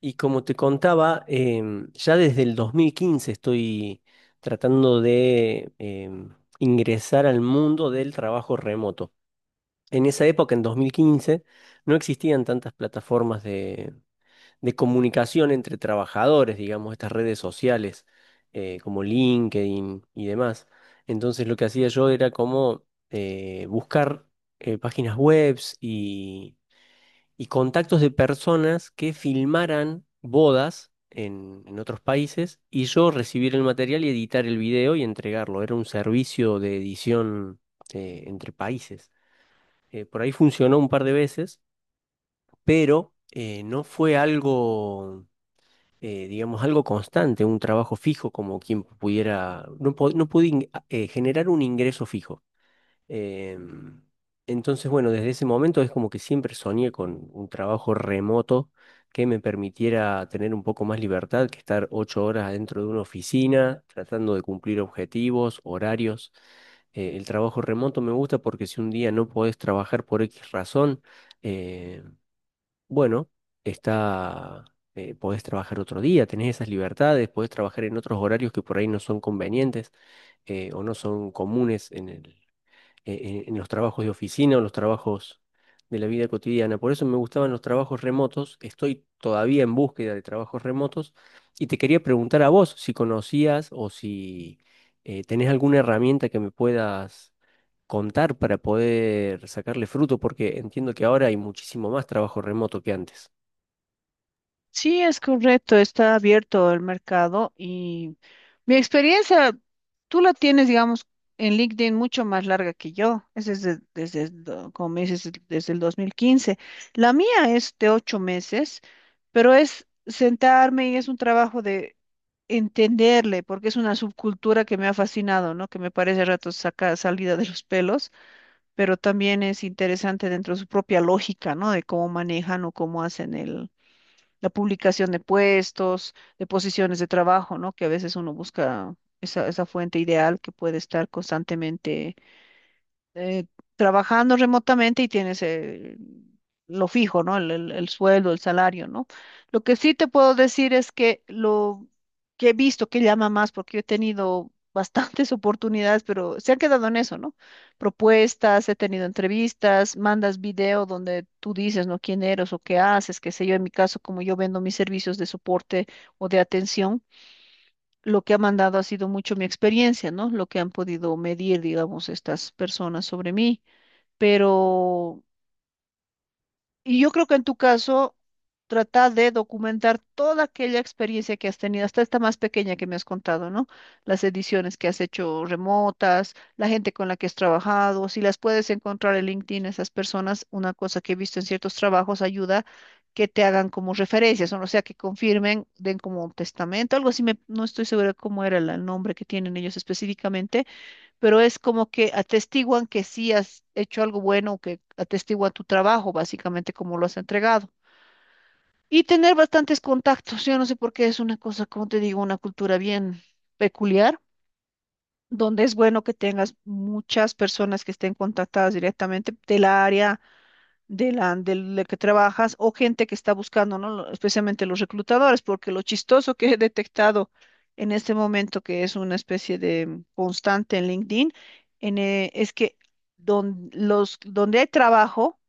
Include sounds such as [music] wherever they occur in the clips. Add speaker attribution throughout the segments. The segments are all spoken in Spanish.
Speaker 1: Y como te contaba, ya desde el 2015 estoy tratando de ingresar al mundo del trabajo remoto. En esa época, en 2015, no existían tantas plataformas de comunicación entre trabajadores, digamos, estas redes sociales como LinkedIn y demás. Entonces lo que hacía yo era como buscar páginas webs y contactos de personas que filmaran bodas en otros países y yo recibir el material y editar el video y entregarlo. Era un servicio de edición entre países. Por ahí funcionó un par de veces, pero no fue algo, digamos, algo constante, un trabajo fijo como quien pudiera, no, no pude generar un ingreso fijo. Em, entonces, bueno, desde ese momento es como que siempre soñé con un trabajo remoto que me permitiera tener un poco más libertad que estar 8 horas dentro de una oficina tratando de cumplir objetivos, horarios. El trabajo remoto me gusta porque si un día no podés trabajar por X razón, eh, bueno, está, podés trabajar otro día, tenés esas libertades, podés trabajar en otros horarios que por ahí no son convenientes o no son comunes en el en los trabajos de oficina o los trabajos de la vida cotidiana. Por eso me gustaban los trabajos remotos. Estoy todavía en búsqueda de trabajos remotos y te quería preguntar a vos si conocías o si tenés alguna herramienta que me puedas contar para poder sacarle fruto, porque entiendo que ahora hay muchísimo más trabajo remoto que antes.
Speaker 2: Sí, es correcto, está abierto el mercado y mi experiencia, tú la tienes, digamos, en LinkedIn mucho más larga que yo, es como me dices, desde el 2015. La mía es de 8 meses, pero es sentarme y es un trabajo de entenderle, porque es una subcultura que me ha fascinado, ¿no? Que me parece a ratos saca salida de los pelos, pero también es interesante dentro de su propia lógica, ¿no? De cómo manejan o cómo hacen el la publicación de puestos, de posiciones de trabajo, ¿no? Que a veces uno busca esa fuente ideal que puede estar constantemente eh, trabajando remotamente y tienes lo fijo, ¿no? El sueldo, el salario, ¿no? Lo que sí te puedo decir es que lo que he visto que llama más, porque yo he tenido bastantes [laughs] oportunidades, pero se han quedado en eso, ¿no? Propuestas, he tenido entrevistas, mandas video donde tú dices, ¿no? ¿Quién eres o qué haces? Qué sé yo, en mi caso, como yo vendo mis servicios de soporte o de atención, lo que ha mandado ha sido mucho mi experiencia, ¿no? Lo que han podido medir, digamos, estas personas sobre mí. Pero, y yo creo que en tu caso, trata de documentar toda aquella experiencia que has tenido, hasta esta más pequeña que me has contado, ¿no? Las ediciones que has hecho remotas, la gente con la que has trabajado, si las puedes encontrar en LinkedIn, esas personas, una cosa que he visto en ciertos trabajos ayuda que te hagan como referencias, o sea, que confirmen, den como un testamento, algo así. No estoy segura cómo era el nombre que tienen ellos específicamente, pero es como que atestiguan que sí has hecho algo bueno, que atestiguan tu trabajo, básicamente como lo has entregado. Y tener bastantes contactos, yo no sé por qué es una cosa, como te digo, una cultura bien peculiar, donde es bueno que tengas muchas personas que estén contactadas directamente del área de del que trabajas o gente que está buscando, ¿no? Especialmente los reclutadores, porque lo chistoso que he detectado en este momento, que es una especie de constante en LinkedIn, es que donde hay trabajo,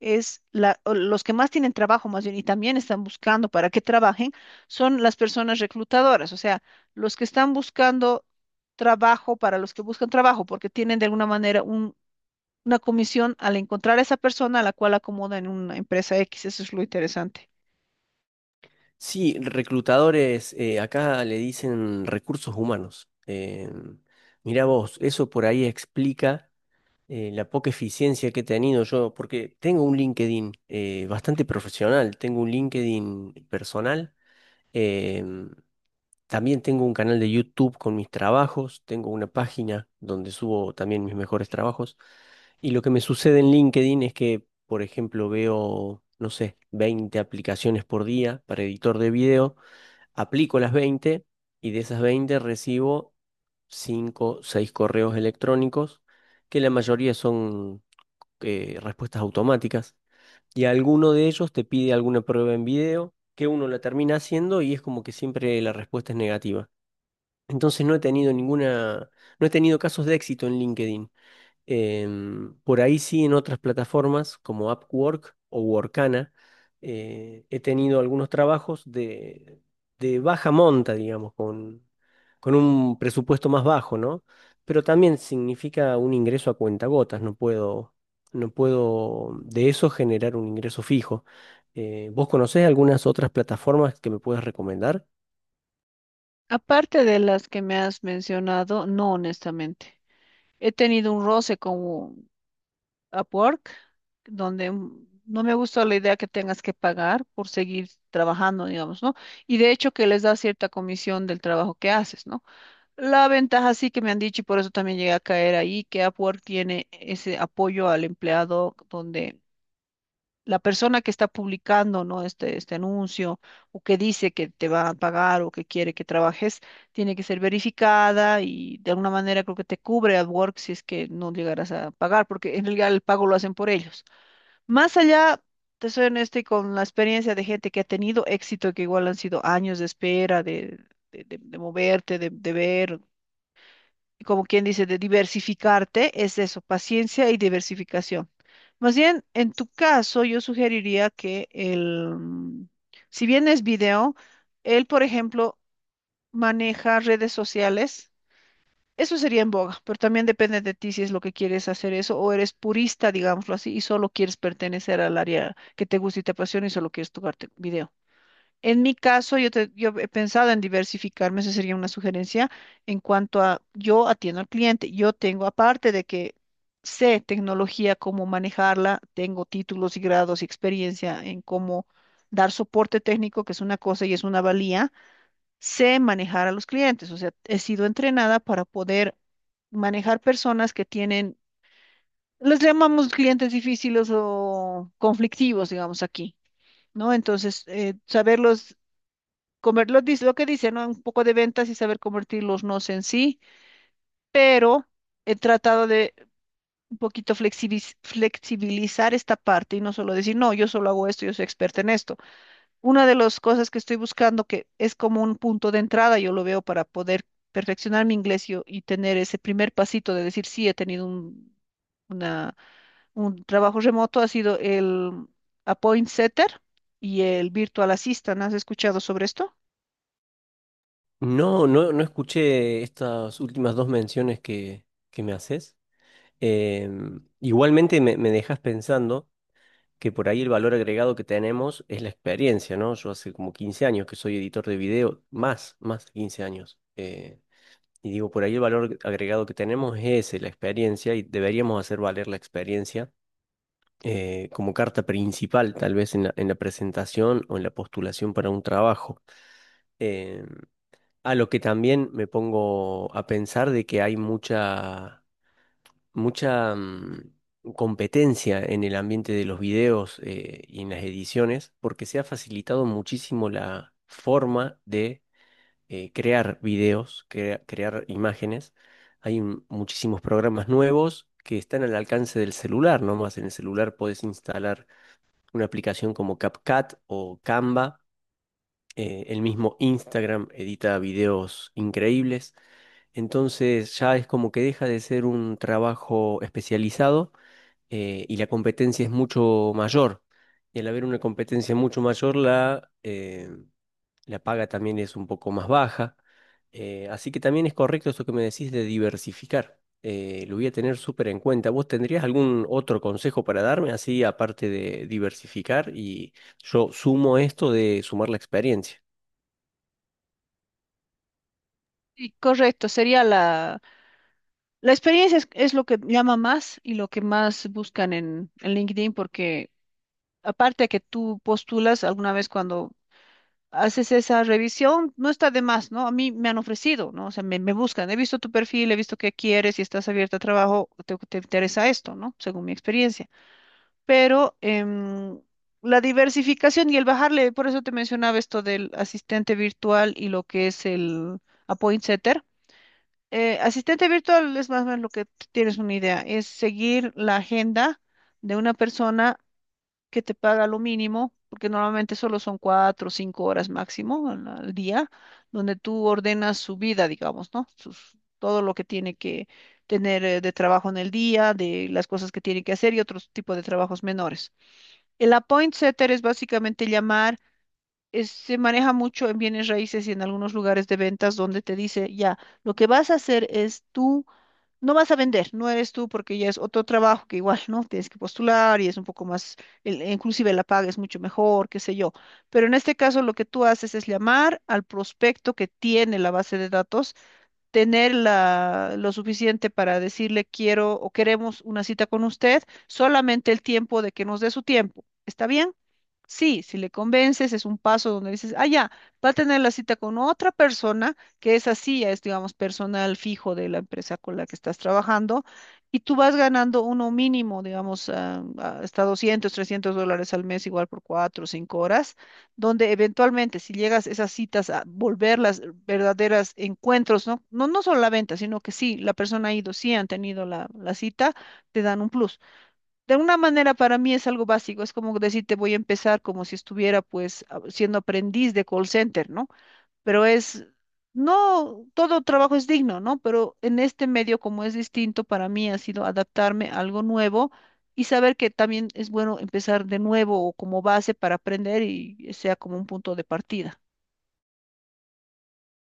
Speaker 2: o los que más tienen trabajo, más bien, y también están buscando para que trabajen, son las personas reclutadoras, o sea, los que están buscando trabajo para los que buscan trabajo, porque tienen de alguna manera un, una comisión al encontrar a esa persona a la cual acomoda en una empresa X. Eso es lo interesante.
Speaker 1: Sí, reclutadores, acá le dicen recursos humanos. Mira Mirá vos, eso por ahí explica la poca eficiencia que he tenido yo, porque tengo un LinkedIn bastante profesional, tengo un LinkedIn personal, em, también tengo un canal de YouTube con mis trabajos, tengo una página donde subo también mis mejores trabajos, y lo que me sucede en LinkedIn es que, por ejemplo, veo, no sé, 20 aplicaciones por día para editor de video, aplico las 20 y de esas 20 recibo 5 6 correos electrónicos que la mayoría son respuestas automáticas y alguno de ellos te pide alguna prueba en video que uno la termina haciendo y es como que siempre la respuesta es negativa. Entonces no he tenido no he tenido casos de éxito en LinkedIn. Por ahí sí, en otras plataformas como Upwork o Workana, he tenido algunos trabajos de baja monta, digamos, con un presupuesto más bajo, ¿no? Pero también significa un ingreso a cuentagotas, no puedo de eso generar un ingreso fijo. ¿Vos conocés algunas otras plataformas que me puedas recomendar?
Speaker 2: Aparte de las que me has mencionado, no, honestamente. He tenido un roce con Upwork, donde no me gustó la idea que tengas que pagar por seguir trabajando, digamos, ¿no? Y de hecho que les da cierta comisión del trabajo que haces, ¿no? La ventaja sí que me han dicho, y por eso también llegué a caer ahí, que Upwork tiene ese apoyo al empleado donde la persona que está publicando, ¿no?, este anuncio o que dice que te va a pagar o que quiere que trabajes, tiene que ser verificada y de alguna manera creo que te cubre AdWords si es que no llegarás a pagar, porque en realidad el pago lo hacen por ellos. Más allá, te soy honesta, y con la experiencia de gente que ha tenido éxito, que igual han sido años de espera, de, de moverte, de ver, como quien dice, de diversificarte, es eso, paciencia y diversificación. Más bien, en tu caso, yo sugeriría que si bien es video, él, por ejemplo, maneja redes sociales. Eso sería en boga, pero también depende de ti si es lo que quieres hacer eso o eres purista, digámoslo así, y solo quieres pertenecer al área que te gusta y te apasiona y solo quieres tocarte video. En mi caso, yo he pensado en diversificarme, esa sería una sugerencia en cuanto a yo atiendo al cliente. Yo tengo, aparte de que sé tecnología, cómo manejarla, tengo títulos y grados y experiencia en cómo dar soporte técnico, que es una cosa y es una valía, sé manejar a los clientes. O sea, he sido entrenada para poder manejar personas que tienen, les llamamos clientes difíciles o conflictivos, digamos aquí, ¿no? Entonces, saberlos comer lo que dicen, ¿no? Un poco de ventas y saber convertir los nos en sí, pero he tratado de un poquito flexibilizar esta parte y no solo decir, no, yo solo hago esto, yo soy experta en esto. Una de las cosas que estoy buscando, que es como un punto de entrada, yo lo veo para poder perfeccionar mi inglés y tener ese primer pasito de decir, sí, he tenido una, un trabajo remoto, ha sido el Appoint Setter y el Virtual Assistant. ¿Has escuchado sobre esto?
Speaker 1: No, no, no escuché estas últimas dos menciones que me haces. Igualmente me dejas pensando que por ahí el valor agregado que tenemos es la experiencia, ¿no? Yo hace como 15 años que soy editor de video, más, más de 15 años. Y digo, por ahí el valor agregado que tenemos es ese, la experiencia, y deberíamos hacer valer la experiencia como carta principal, tal vez en en la presentación o en la postulación para un trabajo. Em, a lo que también me pongo a pensar de que hay mucha competencia en el ambiente de los videos y en las ediciones, porque se ha facilitado muchísimo la forma de crear videos, crear imágenes. Muchísimos programas nuevos que están al alcance del celular, nomás en el celular podés instalar una aplicación como CapCut o Canva. El mismo Instagram edita videos increíbles, entonces ya es como que deja de ser un trabajo especializado y la competencia es mucho mayor. Y al haber una competencia mucho mayor, la paga también es un poco más baja. Así que también es correcto esto que me decís de diversificar. Lo voy a tener súper en cuenta. ¿Vos tendrías algún otro consejo para darme, así aparte de diversificar? Y yo sumo esto de sumar la experiencia.
Speaker 2: Sí, correcto, sería la experiencia es lo que llama más y lo que más buscan en LinkedIn, porque aparte que tú postulas alguna vez cuando haces esa revisión, no está de más, ¿no? A mí me han ofrecido, ¿no? O sea, me buscan, he visto tu perfil, he visto qué quieres y estás abierta a trabajo, te interesa esto, ¿no? Según mi experiencia. Pero la diversificación y el bajarle, por eso te mencionaba esto del asistente virtual y lo que es el appoint setter. Asistente virtual es más o menos lo que tienes una idea, es seguir la agenda de una persona que te paga lo mínimo, porque normalmente solo son 4 o 5 horas máximo al día, donde tú ordenas su vida, digamos, ¿no? Todo lo que tiene que tener de trabajo en el día, de las cosas que tiene que hacer y otros tipos de trabajos menores. El appoint setter es básicamente llamar, se maneja mucho en bienes raíces y en algunos lugares de ventas donde te dice, ya. Lo que vas a hacer es tú no vas a vender, no eres tú, porque ya es otro trabajo que igual, ¿no? Tienes que postular y es un poco más, e inclusive la paga es mucho mejor, qué sé yo. Pero en este caso lo que tú haces es llamar al prospecto que tiene la base de datos, tener lo suficiente para decirle quiero o queremos una cita con usted, solamente el tiempo de que nos dé su tiempo. ¿Está bien? Sí, si le convences, es un paso donde dices, ah, ya, va a tener la cita con otra persona, que es así, ya es, digamos, personal fijo de la empresa con la que estás trabajando, y tú vas ganando uno mínimo, digamos, hasta 200, $300 al mes, igual por 4 o 5 horas, donde eventualmente, si llegas esas citas a volverlas verdaderas encuentros, ¿no? No, no solo la venta, sino que sí, la persona ha ido, sí han tenido la cita, te dan un plus. De alguna manera para mí es algo básico, es como decirte voy a empezar como si estuviera pues siendo aprendiz de call center, ¿no? Pero es, no, todo trabajo es digno, ¿no? Pero en este medio, como es distinto, para mí ha sido adaptarme a algo nuevo y saber que también es bueno empezar de nuevo o como base para aprender y sea como un punto de partida.